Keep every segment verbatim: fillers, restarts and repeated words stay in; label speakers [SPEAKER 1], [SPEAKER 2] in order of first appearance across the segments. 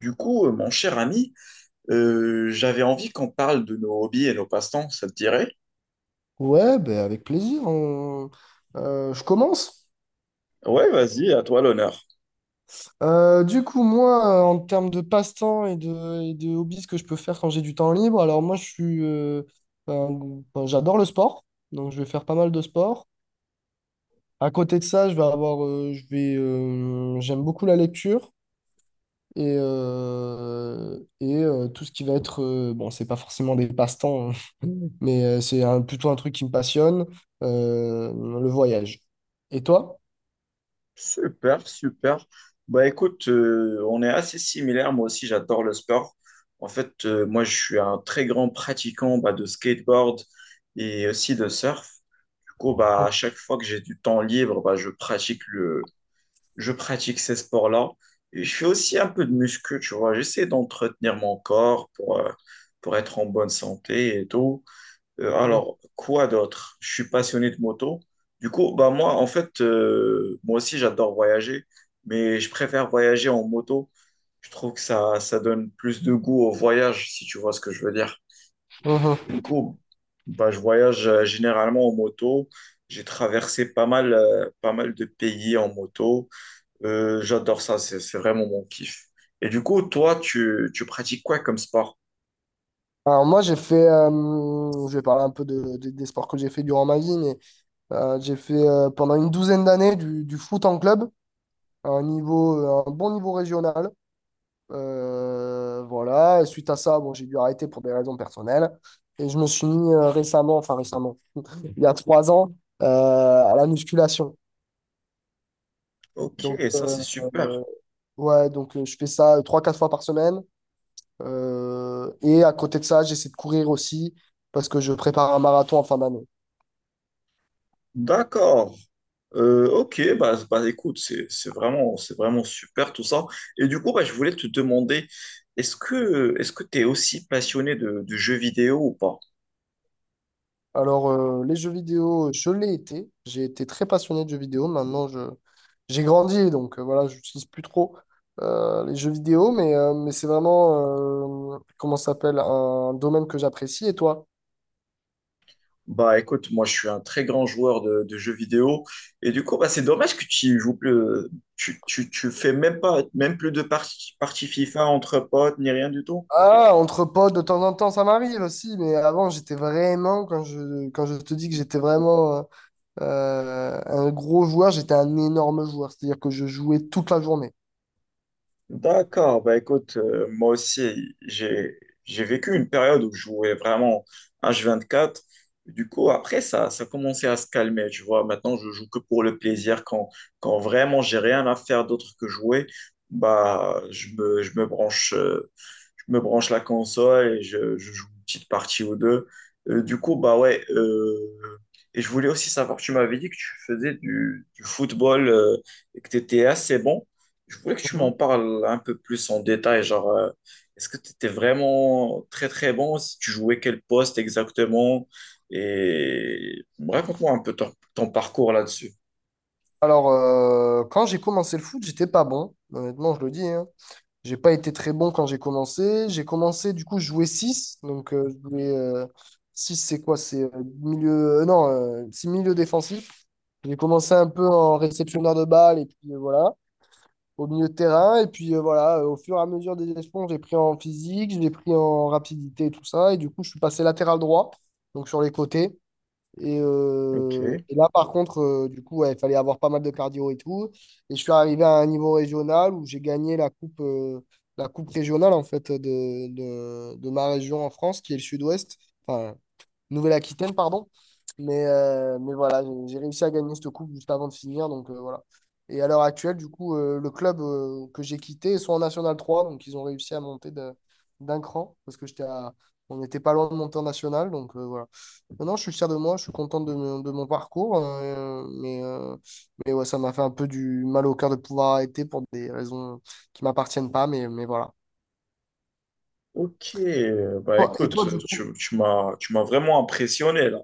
[SPEAKER 1] Du coup, euh, mon cher ami, euh, j'avais envie qu'on parle de nos hobbies et nos passe-temps, ça te dirait?
[SPEAKER 2] Ouais, ben avec plaisir. on- euh, je commence.
[SPEAKER 1] Ouais, vas-y, à toi l'honneur.
[SPEAKER 2] Euh, du coup, moi, euh, en termes de passe-temps et de, et de hobbies que je peux faire quand j'ai du temps libre. Alors moi, je suis, euh, un- enfin, j'adore le sport, donc je vais faire pas mal de sport. À côté de ça, je vais avoir, euh, je vais, euh, j'aime beaucoup la lecture et, euh, et euh, tout ce qui va être, euh, bon, c'est pas forcément des passe-temps, hein, mais euh, c'est un- plutôt un truc qui me passionne, euh, le voyage. Et toi?
[SPEAKER 1] Super, super. Bah écoute, euh, on est assez similaires. Moi aussi, j'adore le sport. En fait, euh, moi, je suis un très grand pratiquant bah, de skateboard et aussi de surf. Du coup, bah, à chaque fois que j'ai du temps libre, bah, je pratique le, je pratique ces sports-là. Et je fais aussi un peu de muscu, tu vois. J'essaie d'entretenir mon corps pour, euh, pour être en bonne santé et tout. Euh, alors, quoi d'autre? Je suis passionné de moto. Du coup, bah moi, en fait, euh, moi aussi, j'adore voyager, mais je préfère voyager en moto. Je trouve que ça, ça donne plus de goût au voyage, si tu vois ce que je veux dire. Du
[SPEAKER 2] Mhm.
[SPEAKER 1] coup, bah, je voyage euh, généralement en moto. J'ai traversé pas mal, euh, pas mal de pays en moto. Euh, j'adore ça, c'est, c'est vraiment mon kiff. Et du coup, toi, tu, tu pratiques quoi comme sport?
[SPEAKER 2] Alors moi j'ai fait, euh, je vais parler un peu de, de- des sports que j'ai fait durant ma vie, mais euh, j'ai fait euh, pendant une douzaine d'années du, du foot en club, à un niveau, euh, un bon niveau régional. Euh, voilà. Et suite à ça, bon, j'ai dû arrêter pour des raisons personnelles. Et je me suis mis euh, récemment, enfin récemment, il y a trois ans, euh, à la musculation.
[SPEAKER 1] Ok,
[SPEAKER 2] Donc
[SPEAKER 1] ça
[SPEAKER 2] euh,
[SPEAKER 1] c'est
[SPEAKER 2] euh,
[SPEAKER 1] super.
[SPEAKER 2] ouais, donc euh, je fais ça euh, trois, quatre fois par semaine. Euh, et à côté de ça, j'essaie de courir aussi parce que je prépare un marathon en fin d'année.
[SPEAKER 1] D'accord. Euh, ok, bah, bah écoute, c'est, c'est vraiment, c'est vraiment super tout ça. Et du coup, bah, je voulais te demander, est-ce que, est-ce que tu es aussi passionné de, de jeux vidéo ou pas?
[SPEAKER 2] Alors, euh, les jeux vidéo, je l'ai été. J'ai été très passionné de jeux vidéo. Maintenant, je, j'ai grandi, donc euh, voilà, j'utilise plus trop euh, les jeux vidéo, mais, euh, mais c'est vraiment, euh, comment ça s'appelle, un domaine que j'apprécie. Et toi?
[SPEAKER 1] Bah écoute, moi je suis un très grand joueur de, de jeux vidéo et du coup bah, c'est dommage que tu joues plus, euh, tu, tu, tu fais même pas même plus de parties partie FIFA entre potes ni rien du tout.
[SPEAKER 2] Ah, entre potes, de temps en temps, ça m'arrive aussi, mais avant, j'étais vraiment, quand je, quand je te dis que j'étais vraiment euh, euh, un gros joueur, j'étais un énorme joueur, c'est-à-dire que je jouais toute la journée.
[SPEAKER 1] D'accord, bah écoute, euh, moi aussi, j'ai j'ai vécu une période où je jouais vraiment h quatre. Du coup, après, ça, ça commençait à se calmer, tu vois. Maintenant, je joue que pour le plaisir. Quand, quand vraiment j'ai rien à faire d'autre que jouer, bah, je me, je me branche, euh, je me branche la console et je, je joue une petite partie ou deux. Euh, du coup, bah ouais. euh, et je voulais aussi savoir, tu m'avais dit que tu faisais du, du football, euh, et que tu étais assez bon. Je voulais que tu
[SPEAKER 2] Mhm.
[SPEAKER 1] m'en parles un peu plus en détail, genre, euh, est-ce que tu étais vraiment très très bon, si tu jouais quel poste exactement, et raconte-moi un peu ton, ton parcours là-dessus.
[SPEAKER 2] Alors, euh, quand j'ai commencé le foot, j'étais pas bon, honnêtement, je le dis, hein. J'ai pas été très bon quand j'ai commencé. J'ai commencé, du coup, je jouais six. Donc, euh, je jouais euh, six c'est quoi? C'est euh, milieu. Euh, non, euh, c'est milieu défensif. J'ai commencé un peu en réceptionneur de balles et puis euh, voilà, au milieu de terrain. Et puis euh, voilà, euh, au fur et à mesure des échelons, j'ai pris en physique, j'ai pris en rapidité et tout ça. Et du coup, je suis passé latéral droit, donc sur les côtés. Et,
[SPEAKER 1] Ok.
[SPEAKER 2] euh, et là, par contre, euh, du coup, ouais, il fallait avoir pas mal de cardio et tout. Et je suis arrivé à un niveau régional où j'ai gagné la coupe, euh, la coupe régionale, en fait, de, de, de ma région en France, qui est le sud-ouest. Enfin, Nouvelle-Aquitaine, pardon. Mais, euh, mais voilà, j'ai j'ai réussi à gagner cette coupe juste avant de finir. Donc euh, voilà. Et à l'heure actuelle, du coup, euh, le club euh, que j'ai quitté est soit en National trois, donc ils ont réussi à monter de- d'un cran, parce que j'étais à- on n'était pas loin de monter en National. Donc euh, voilà. Maintenant, je suis fier de moi, je suis content de, mon de mon parcours. euh, mais euh, mais ouais, ça m'a fait un peu du mal au cœur de pouvoir arrêter pour des raisons qui m'appartiennent pas. Mais, mais voilà.
[SPEAKER 1] Ok, euh, bah
[SPEAKER 2] Ah, et toi,
[SPEAKER 1] écoute,
[SPEAKER 2] bon. du coup,
[SPEAKER 1] tu, tu m'as tu m'as vraiment impressionné là.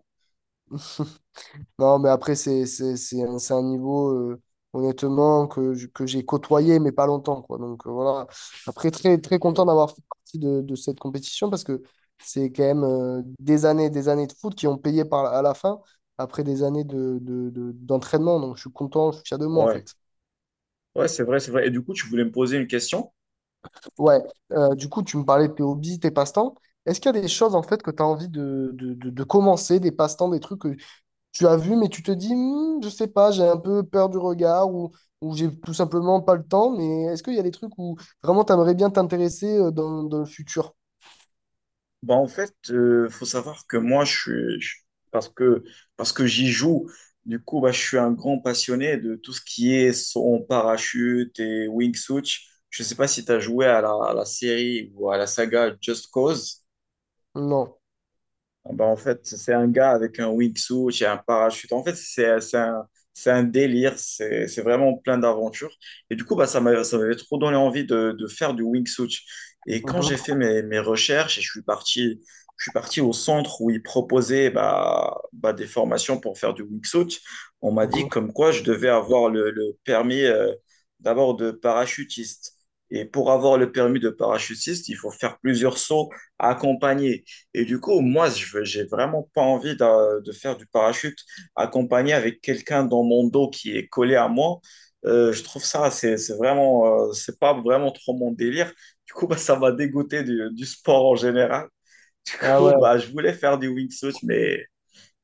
[SPEAKER 2] Non, mais après, c'est c'est- c'est un, c'est un niveau, euh, honnêtement, que, j- que j'ai côtoyé, mais pas longtemps, quoi. Donc, euh, voilà. Après, très, très content
[SPEAKER 1] Ok.
[SPEAKER 2] d'avoir fait partie de, de cette compétition, parce que c'est quand même euh, des années et des années de foot qui ont payé par, à la fin, après des années de, de- de- d'entraînement. Donc, je suis content, je suis fier de moi, en
[SPEAKER 1] Ouais,
[SPEAKER 2] fait.
[SPEAKER 1] ouais, c'est vrai, c'est vrai. Et du coup, tu voulais me poser une question?
[SPEAKER 2] Ouais. Euh, du coup, tu me parlais de tes hobbies, tes passe-temps. Est-ce qu'il y a des choses, en fait, que tu as envie de, de, de- de commencer, des passe-temps, des trucs que tu as vu, mais tu te dis, hmm, je sais pas, j'ai un peu peur du regard, ou, ou j'ai tout simplement pas le temps. Mais est-ce qu'il y a des trucs où vraiment tu aimerais bien t'intéresser euh, dans, dans le futur?
[SPEAKER 1] Bah, en fait, euh, faut savoir que moi, je suis, je- parce que, parce que j'y joue, du coup, bah, je suis un grand passionné de tout ce qui est son parachute et wingsuit. Je ne sais pas si tu as joué à la, à la série ou à la saga Just Cause.
[SPEAKER 2] Non.
[SPEAKER 1] Ah bah, en fait, c'est un gars avec un wingsuit et un parachute. En fait, c'est c'est un, c'est un délire. C'est c'est vraiment plein d'aventures. Et du coup, bah, ça m'a ça m'avait trop donné envie de, de faire du wingsuit. Et quand
[SPEAKER 2] Mhm,
[SPEAKER 1] j'ai fait mes, mes recherches et je suis parti, je suis parti au centre où ils proposaient bah, bah, des formations pour faire du wingsuit, on m'a dit
[SPEAKER 2] mhm.
[SPEAKER 1] comme quoi je devais avoir le, le permis euh, d'abord de parachutiste. Et pour avoir le permis de parachutiste, il faut faire plusieurs sauts accompagnés. Et du coup, moi, je veux- j'ai vraiment pas envie d'a- de, faire du parachute accompagné avec quelqu'un dans mon dos qui est collé à moi. Euh, je trouve ça, c'est, c'est vraiment, euh, c'est pas vraiment trop mon délire. Du coup, bah, ça m'a dégoûté du, du sport en général. Du
[SPEAKER 2] Ah
[SPEAKER 1] coup,
[SPEAKER 2] ouais,
[SPEAKER 1] bah, je voulais faire du wingsuit, mais,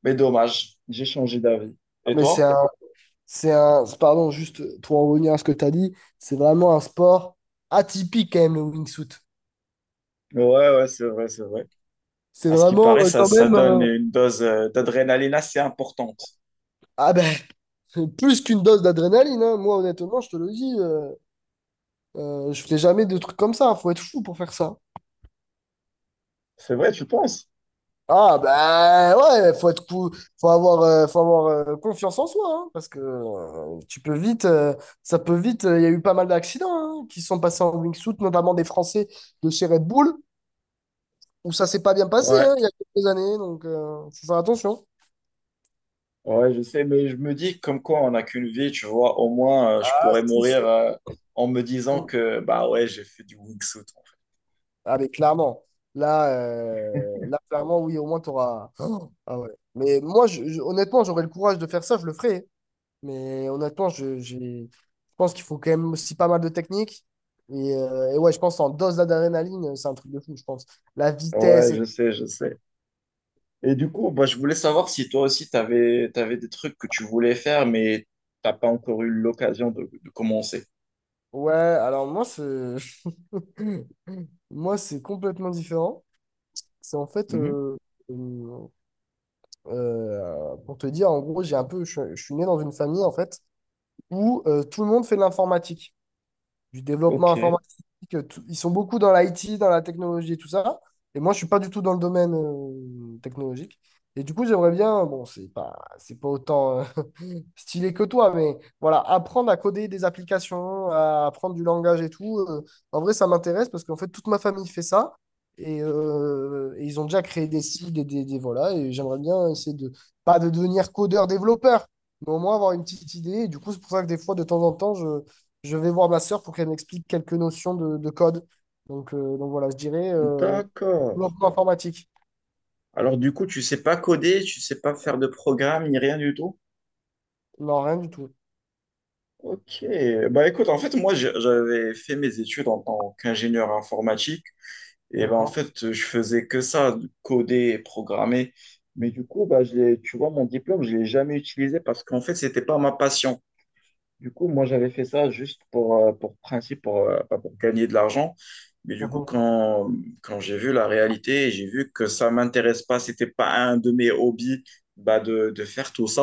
[SPEAKER 1] mais dommage, j'ai changé d'avis. Et
[SPEAKER 2] mais c'est
[SPEAKER 1] toi?
[SPEAKER 2] un, c'est un, pardon, juste pour en revenir à ce que tu as dit, c'est vraiment un sport atypique quand même, le wingsuit.
[SPEAKER 1] Ouais, ouais, c'est vrai, c'est vrai.
[SPEAKER 2] C'est
[SPEAKER 1] À ce qui
[SPEAKER 2] vraiment
[SPEAKER 1] paraît,
[SPEAKER 2] euh,
[SPEAKER 1] ça,
[SPEAKER 2] quand
[SPEAKER 1] ça
[SPEAKER 2] même,
[SPEAKER 1] donne
[SPEAKER 2] euh,
[SPEAKER 1] une dose euh, d'adrénaline assez importante.
[SPEAKER 2] ah ben, plus qu'une dose d'adrénaline, hein. Moi, honnêtement, je te le dis, euh, euh, je fais jamais de trucs comme ça, faut être fou pour faire ça.
[SPEAKER 1] C'est vrai, tu penses?
[SPEAKER 2] Ah ben ouais, faut être cou- faut avoir, euh, faut avoir euh, confiance en soi, hein, parce que euh, tu peux vite, euh, ça peut vite. euh, Il y a eu pas mal d'accidents, hein, qui sont passés en wingsuit, notamment des Français de chez Red Bull, où ça s'est pas bien passé,
[SPEAKER 1] Ouais.
[SPEAKER 2] hein, il y a quelques années, donc euh, faut faire attention.
[SPEAKER 1] Ouais, je sais, mais je me dis comme quoi on n'a qu'une vie, tu vois, au moins euh, je
[SPEAKER 2] Ah,
[SPEAKER 1] pourrais
[SPEAKER 2] c'est
[SPEAKER 1] mourir
[SPEAKER 2] sûr.
[SPEAKER 1] euh, en me disant que bah ouais, j'ai fait du wingsuit.
[SPEAKER 2] Ah mais clairement, là, euh, là clairement oui, au moins t'auras. Oh, ah ouais. Mais moi, je- je- honnêtement, j'aurais le courage de faire ça, je le ferais. Mais honnêtement, je, j'ai- je pense qu'il faut quand même aussi pas mal de technique. Et, euh, et ouais, je pense en dose d'adrénaline, c'est un truc de fou, je pense. La
[SPEAKER 1] Ouais,
[SPEAKER 2] vitesse et...
[SPEAKER 1] je sais, je sais. Et du coup, bah, je voulais savoir si toi aussi tu avais, des trucs que tu voulais faire, mais t'as pas encore eu l'occasion de, de commencer.
[SPEAKER 2] Ouais, alors moi, c'est... moi, c'est complètement différent. C'est en fait...
[SPEAKER 1] Mhm.
[SPEAKER 2] euh, euh, euh, pour te dire, en gros, j'ai un peu... Je, suis je suis né dans une famille, en fait, où euh, tout le monde fait de l'informatique. Du développement
[SPEAKER 1] Ok,
[SPEAKER 2] informatique. euh, tout- Ils sont beaucoup dans l'I T, dans la technologie et tout ça. Et moi, je suis pas du tout dans le domaine euh, technologique. Et du coup, j'aimerais bien, bon, c'est pas, c'est pas autant euh, stylé que toi, mais voilà, apprendre à coder des applications, à apprendre du langage et tout. Euh, en vrai, ça m'intéresse parce qu'en fait, toute ma famille fait ça. Et, euh, et ils ont déjà créé des sites, et des, des- voilà. Et j'aimerais bien essayer de, pas de devenir codeur-développeur, mais au moins avoir une petite idée. Et du coup, c'est pour ça que des fois, de temps en temps, je, je vais voir ma sœur pour qu'elle m'explique quelques notions de, de code. Donc, euh, donc voilà, je dirais euh,
[SPEAKER 1] d'accord.
[SPEAKER 2] développement informatique.
[SPEAKER 1] Alors du coup, tu sais pas coder, tu sais pas faire de programme, ni rien du tout?
[SPEAKER 2] Non, rien du tout.
[SPEAKER 1] Ok, bah écoute, en fait, moi j'ai- j'avais fait mes études en tant qu'ingénieur informatique. Et ben, en
[SPEAKER 2] D'accord.
[SPEAKER 1] fait, je faisais que ça, coder et programmer. Mais du coup, bah, je l'ai- tu vois, mon diplôme, je ne l'ai jamais utilisé parce qu'en fait, ce n'était pas ma passion. Du coup, moi, j'avais fait ça juste pour, euh, pour principe, pour, euh, pas pour gagner de l'argent. Mais du coup,
[SPEAKER 2] Mhm.
[SPEAKER 1] quand, quand j'ai vu la réalité, j'ai vu que ça m'intéresse pas, c'était pas un de mes hobbies bah, de, de faire tout ça.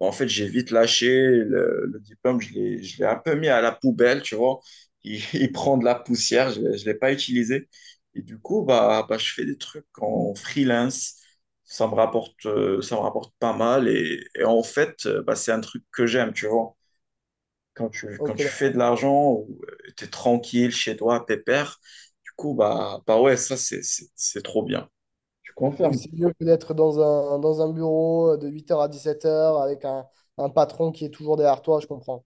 [SPEAKER 1] Bah, en fait, j'ai vite lâché le, le diplôme, je l'ai, je l'ai un peu mis à la poubelle, tu vois. Il, il prend de la poussière, je ne l'ai je l'ai pas utilisé. Et du coup, bah, bah, je fais des trucs en freelance. Ça me rapporte, euh, ça me rapporte pas mal. Et, et en fait, euh, bah, c'est un truc que j'aime, tu vois quand tu, quand
[SPEAKER 2] Ok.
[SPEAKER 1] tu fais
[SPEAKER 2] D'accord.
[SPEAKER 1] de l'argent ou tu es tranquille chez toi, pépère, du coup, bah, bah ouais, ça, c'est, c'est, c'est trop bien. Tu
[SPEAKER 2] Oui,
[SPEAKER 1] confirme.
[SPEAKER 2] c'est mieux que d'être dans un, dans un bureau euh, de huit heures à dix-sept heures avec un, un patron qui est toujours derrière toi, je comprends.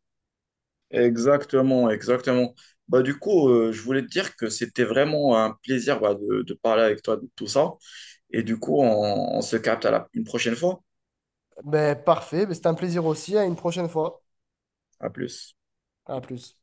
[SPEAKER 1] Exactement, exactement. Bah, du coup, euh, je voulais te dire que c'était vraiment un plaisir bah, de, de parler avec toi de tout ça. Et du coup, on, on se capte à la, une prochaine fois.
[SPEAKER 2] Ben, parfait, ben, c'était un plaisir aussi. À une prochaine fois.
[SPEAKER 1] À plus.
[SPEAKER 2] À plus.